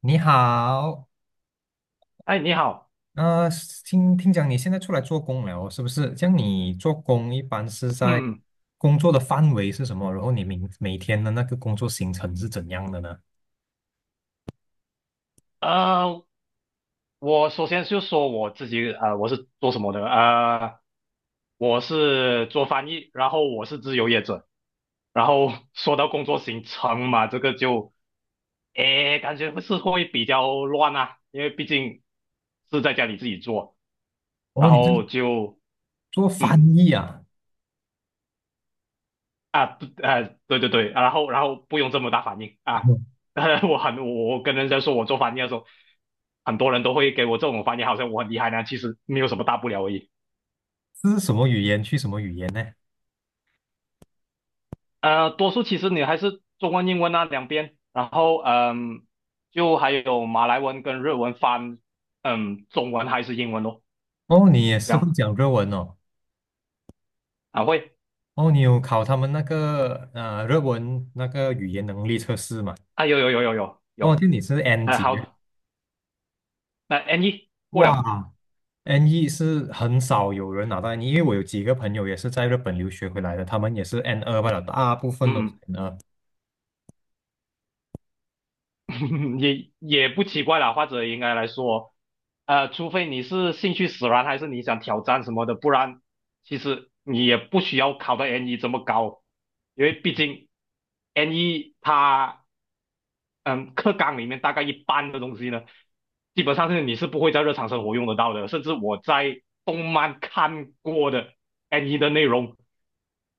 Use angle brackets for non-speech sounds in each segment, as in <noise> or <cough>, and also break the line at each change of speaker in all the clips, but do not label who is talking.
你好，
哎，你好。
呃，听讲你现在出来做工了哦，是不是？像你做工一般是在
嗯。
工作的范围是什么？然后你明每天的那个工作行程是怎样的呢？
呃，我首先就说我自己，我是做什么的？我是做翻译，然后我是自由业者，然后 <laughs> 说到工作行程嘛，这个就，感觉是会比较乱啊，因为毕竟是在家里自己做，
哦，
然
你是
后就，
做
嗯。
翻译啊？
啊，对啊，对对对，然后不用这么大反应啊，<laughs> 我很我我跟人家说我做翻译的时候，很多人都会给我这种反应，好像我很厉害呢，其实没有什么大不了而已。
这是什么语言去什么语言呢？
多数其实你还是中文英文啊两边，然后就还有马来文跟日文翻，中文还是英文咯，
哦，你也
这
是会
样。
讲日文哦。
啊会。
哦，你有考他们那个日文那个语言能力测试嘛？
啊有有有有有
哦，
有。
就你是 N
哎、
级，
好的，那 N 一过了，
哇，NE 是很少有人拿到 NE，因为我有几个朋友也是在日本留学回来的，他们也是 n 二罢了，大部分都
嗯
是
嗯。
n 二，
<laughs> 也不奇怪啦，或者应该来说，除非你是兴趣使然，还是你想挑战什么的，不然其实你也不需要考到 N 一这么高，因为毕竟 N 一它嗯课纲里面大概一半的东西呢，基本上是你是不会在日常生活用得到的，甚至我在动漫看过的 N 一的内容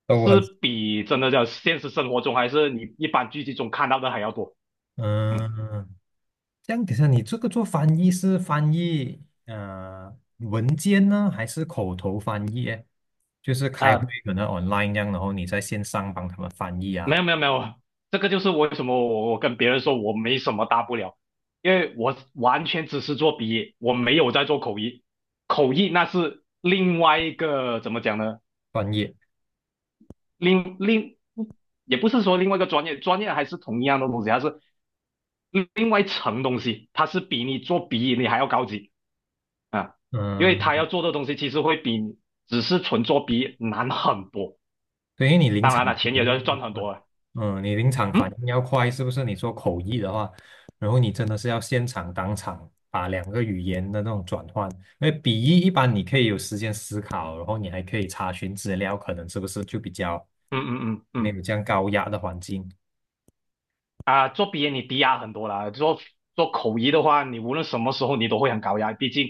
都很
是比真的叫现实生活中还是你一般剧集中看到的还要多，嗯
嗯。这样，等一下你这个做翻译是翻译文件呢，还是口头翻译诶，就是开会
啊、
可能 online 这样，然后你在线上帮他们翻译啊，
没有没有没有，这个就是为什么我跟别人说我没什么大不了，因为我完全只是做笔译，我没有在做口译，口译那是另外一个怎么讲呢？
翻译。
另另也不是说另外一个专业，专业还是同一样的东西，它是另外一层东西，它是比你做笔译你还要高级啊，因为他
嗯。
要做的东西其实会比你只是纯做笔译难很多，
对，因为你临
当
场
然
反
了，钱也
应
要
要
赚很
快，
多了，
嗯，你临场反
嗯
应要快，是不是？你做口译的话，然后你真的是要现场当场把两个语言的那种转换，因为笔译一般你可以有时间思考，然后你还可以查询资料，可能是不是就比较
嗯嗯嗯
没
嗯。
有这样高压的环境？
啊、做鼻炎你低压很多啦，做口译的话，你无论什么时候你都会很高压，毕竟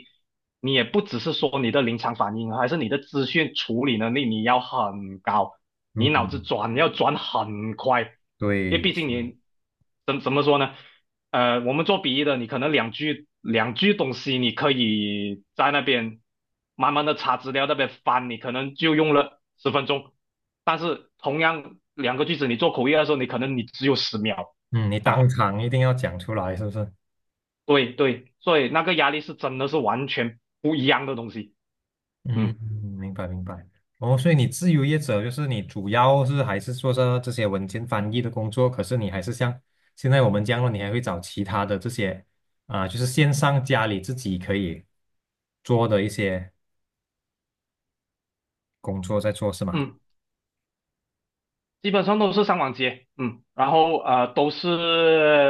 你也不只是说你的临场反应，还是你的资讯处理能力你要很高，你脑子
嗯，
转要转很快，因为
对，
毕竟
是的，
你怎么说呢？我们做笔译的，你可能两句两句东西，你可以在那边慢慢的查资料，那边翻，你可能就用了10分钟。但是同样两个句子，你做口译的时候，你可能你只有10秒，
嗯，你当
啊，
场一定要讲出来，是不是？
对对，所以那个压力是真的是完全不一样的东西，
嗯，
嗯
明白明白。哦，所以你自由业者就是你主要是还是做着这些文件翻译的工作，可是你还是像现在我们这样了，你还会找其他的这些啊、就是线上家里自己可以做的一些工作在做，是吗？
嗯，基本上都是上网接，然后都是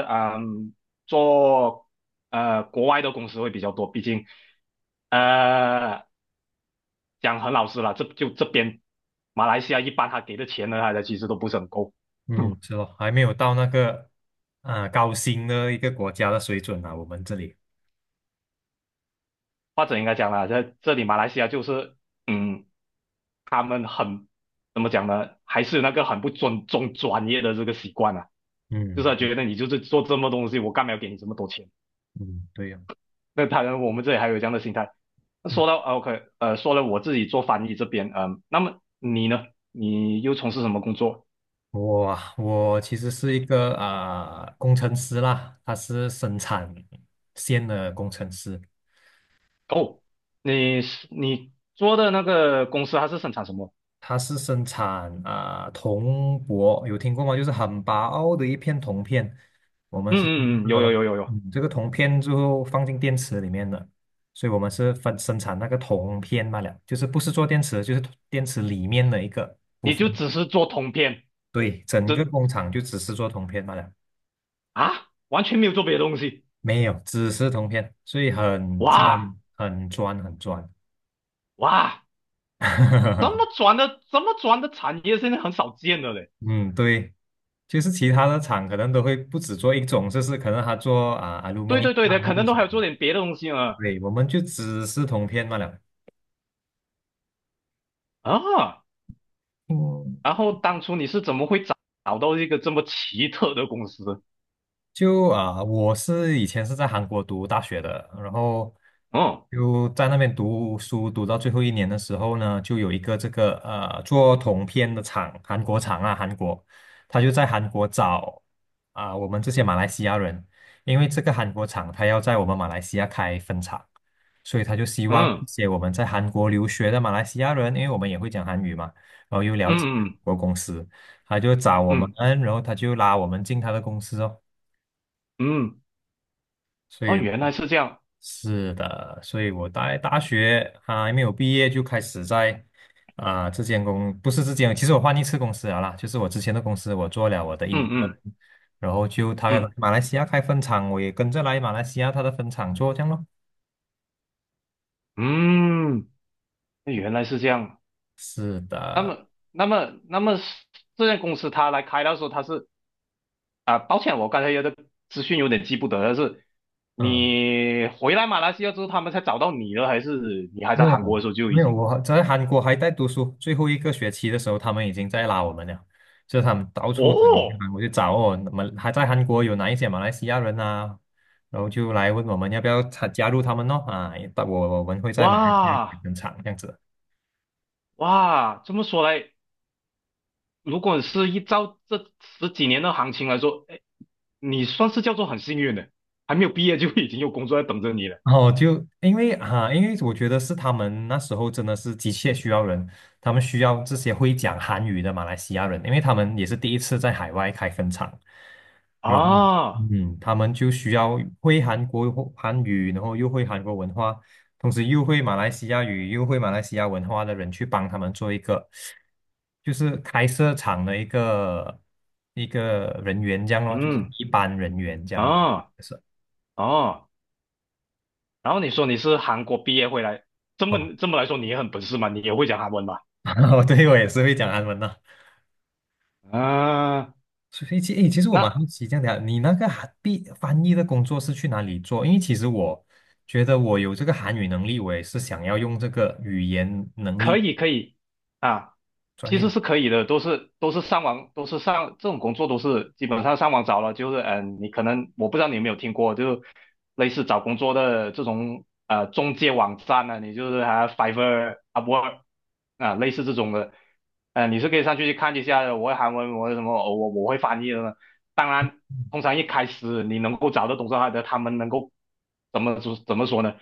做国外的公司会比较多，毕竟呃讲很老实了，这就这边马来西亚一般他给的钱呢，他的其实都不是很够，
嗯，
嗯，
是咯，还没有到那个啊、高薪的一个国家的水准啊，我们这里。
或者应该讲啦，在这里马来西亚就是嗯他们很。怎么讲呢？还是有那个很不尊重专业的这个习惯啊。就是他
嗯
觉得你就是做这么多东西，我干嘛要给你这么多钱？
嗯，对呀、
那当然，我们这里还有这样的心态。那
嗯。
说到啊 OK，说了我自己做翻译这边，那么你呢？你又从事什么工作？
我其实是一个啊、工程师啦，他是生产线的工程师，
哦，你是你做的那个公司它是生产什么？
他是生产啊、铜箔，有听过吗？就是很薄的一片铜片，我们
嗯
是做
嗯嗯，
这个
有有
咯，
有有有，
嗯，这个铜片最后放进电池里面的，所以我们是分生产那个铜片罢了，就是不是做电池，就是电池里面的一个部
你就
分。
只是做通篇，
对，整个
这
工厂就只是做铜片罢了。
啊，完全没有做别的东西。
没有，只是铜片，所以很嗯
哇
专、很专、很专。
哇，这么
<laughs>
转的这么转的产业现在很少见了嘞。
嗯，对，就是其他的厂可能都会不只做一种，就是可能他做啊、a l u m i
对哦
n
对对的，
i
可
做
能都
什
还有
么？
做点别的东西呢。
对，我们就只是铜片罢了。
啊然后当初你是怎么会找找到一个这么奇特的公司？
就啊、我是以前是在韩国读大学的，然后
嗯
就在那边读书，读到最后一年的时候呢，就有一个这个做铜片的厂，韩国厂啊，韩国，他就在韩国找啊、我们这些马来西亚人，因为这个韩国厂他要在我们马来西亚开分厂，所以他就希望
嗯
一些我们在韩国留学的马来西亚人，因为我们也会讲韩语嘛，然后又了解
嗯
韩
嗯
国公司，他就找我们，
嗯
然后他就拉我们进他的公司哦。
嗯，
所
哦，
以
原来
我
是这样，
是的，所以我大学啊还没有毕业就开始在啊、这间公不是这间，其实我换一次公司了啦，就是我之前的公司我做了我的
嗯
intern，
嗯
然后就他
嗯
马来西亚开分厂，我也跟着来马来西亚他的分厂做这样咯。
嗯，那原来是这样。
是
那
的，
么那么那么是这家公司他来开的时候，他是啊，抱歉，我刚才有的资讯有点记不得了，是
嗯。
你回来马来西亚之后，他们才找到你了，还是你还在韩
哦，
国的时候就已
没有，
经？
我在韩国还在读书，最后一个学期的时候，他们已经在拉我们了，就是他们到处找
哦，
我就找哦，那么还在韩国有哪一些马来西亚人啊，然后就来问我们要不要参加入他们咯啊，我们会在马来西亚
哇
分厂这样子。
哇，这么说来，如果是依照这十几年的行情来说，哎，你算是叫做很幸运的，还没有毕业就已经有工作在等着你了
然后就因为啊，因为我觉得是他们那时候真的是急切需要人，他们需要这些会讲韩语的马来西亚人，因为他们也是第一次在海外开分厂，嗯
啊，
嗯，他们就需要会韩国韩语，然后又会韩国文化，同时又会马来西亚语，又会马来西亚文化的人去帮他们做一个，就是开设厂的一个一个人员这样咯，就是
嗯
一般人员这样
啊
是
哦，然后你说你是韩国毕业回来，这
哦，
么这么来说你也很本事嘛，你也会讲韩文吧？
<laughs> 对我也是会讲韩文的。
啊，
所以其实我蛮好
那
奇这样的，你那个韩毕翻译的工作是去哪里做？因为其实我觉得我有这个韩语能力，我也是想要用这个语言能
可
力。
以可以啊，
专
其实
业。
是可以的，都是上网，都是上这种工作都是基本上上网找了，就是你可能我不知道你有没有听过，就类似找工作的这种中介网站呢、啊你就是还、Fiverr、UPW 啊，类似这种的，你是可以上去去看一下的我会韩文，我会什么，哦我会翻译的呢。当然，通常一开始你能够找到懂这行的，他们能够怎么说呢？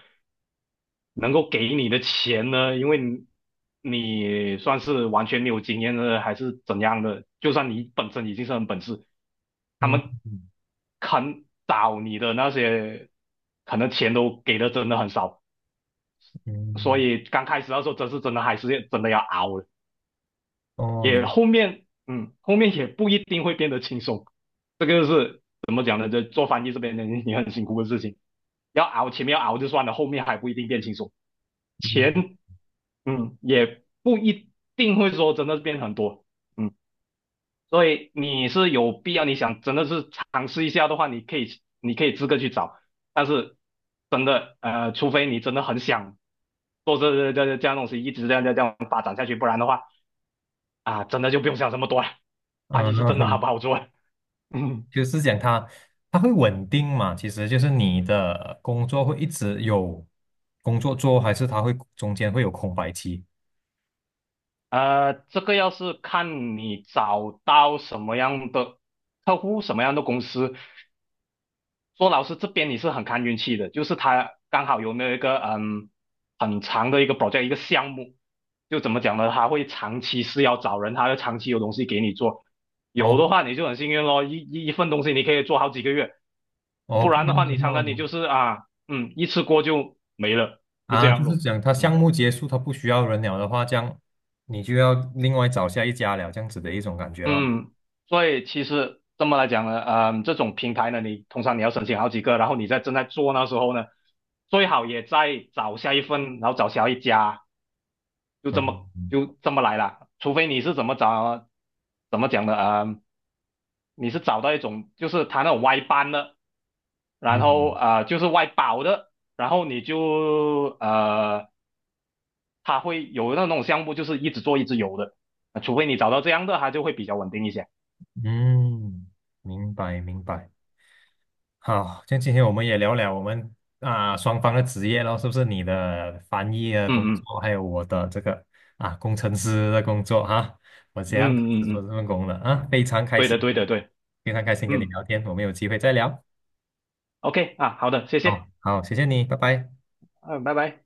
能够给你的钱呢，因为你算是完全没有经验的，还是怎样的？就算你本身已经是很本事，他
嗯
们
嗯，
肯找你的那些，可能钱都给的真的很少，所
嗯，
以刚开始的时候，真是真的还是真的要熬了。
哦，
也
明，
后面后面也不一定会变得轻松，这个是怎么讲呢？这做翻译这边的你很辛苦的事情，要熬前面要熬就算了，后面还不一定变轻松。
嗯
钱也不一定会说真的变很多，嗯，所以你是有必要，你想真的是尝试一下的话，你可以自个去找，但是真的除非你真的很想做这样东西，一直这样这样这样发展下去，不然的话啊，真的就不用想这么多了，巴基是真的好
嗯，
不
<laughs>
好做，<laughs> 嗯，
就是讲它，它会稳定嘛？其实就是你的工作会一直有工作做，还是它会中间会有空白期？
这个要是看你找到什么样的客户，什么样的公司。说老师这边你是很看运气的，就是他刚好有那一个很长的一个项目，就怎么讲呢？他会长期是要找人，他要长期有东西给你做。有
哦
的话你就很幸运咯，一份东西你可以做好几个月，
哦，
不
不
然的
然
话
的
你常
话
常你就是啊一次过就这
啊，就
样
是
咯，
讲它
嗯
项目结束，它不需要人了的话，这样你就要另外找下一家了，这样子的一种感觉咯。
嗯，所以其实这么来讲呢，这种平台呢，你通常你要申请好几个，然后你在正在做那时候呢。最好也再找下一份，然后找下一家，就这
嗯
么就这么来了，除非你是怎么找，怎么讲的啊、你是找到一种就是他那种外班的，然后
嗯
啊、就是外包的，然后你就他会有那种项目就是一直做一直有的，除非你找到这样的，他就会比较稳定一些。
嗯，嗯明白明白。好，像今天我们也聊聊我们啊、双方的职业咯，是不是你的翻译的工
嗯嗯
作，还有我的这个啊工程师的工作哈、我
嗯
这样开
嗯
始
嗯，
做这
嗯
份工了啊，非常开
对
心，
的对的对，
非常开心跟你
嗯
聊天，我们有机会再聊。
，OK 啊，好的，谢谢，
好，好，谢谢你，拜拜。
嗯，拜拜。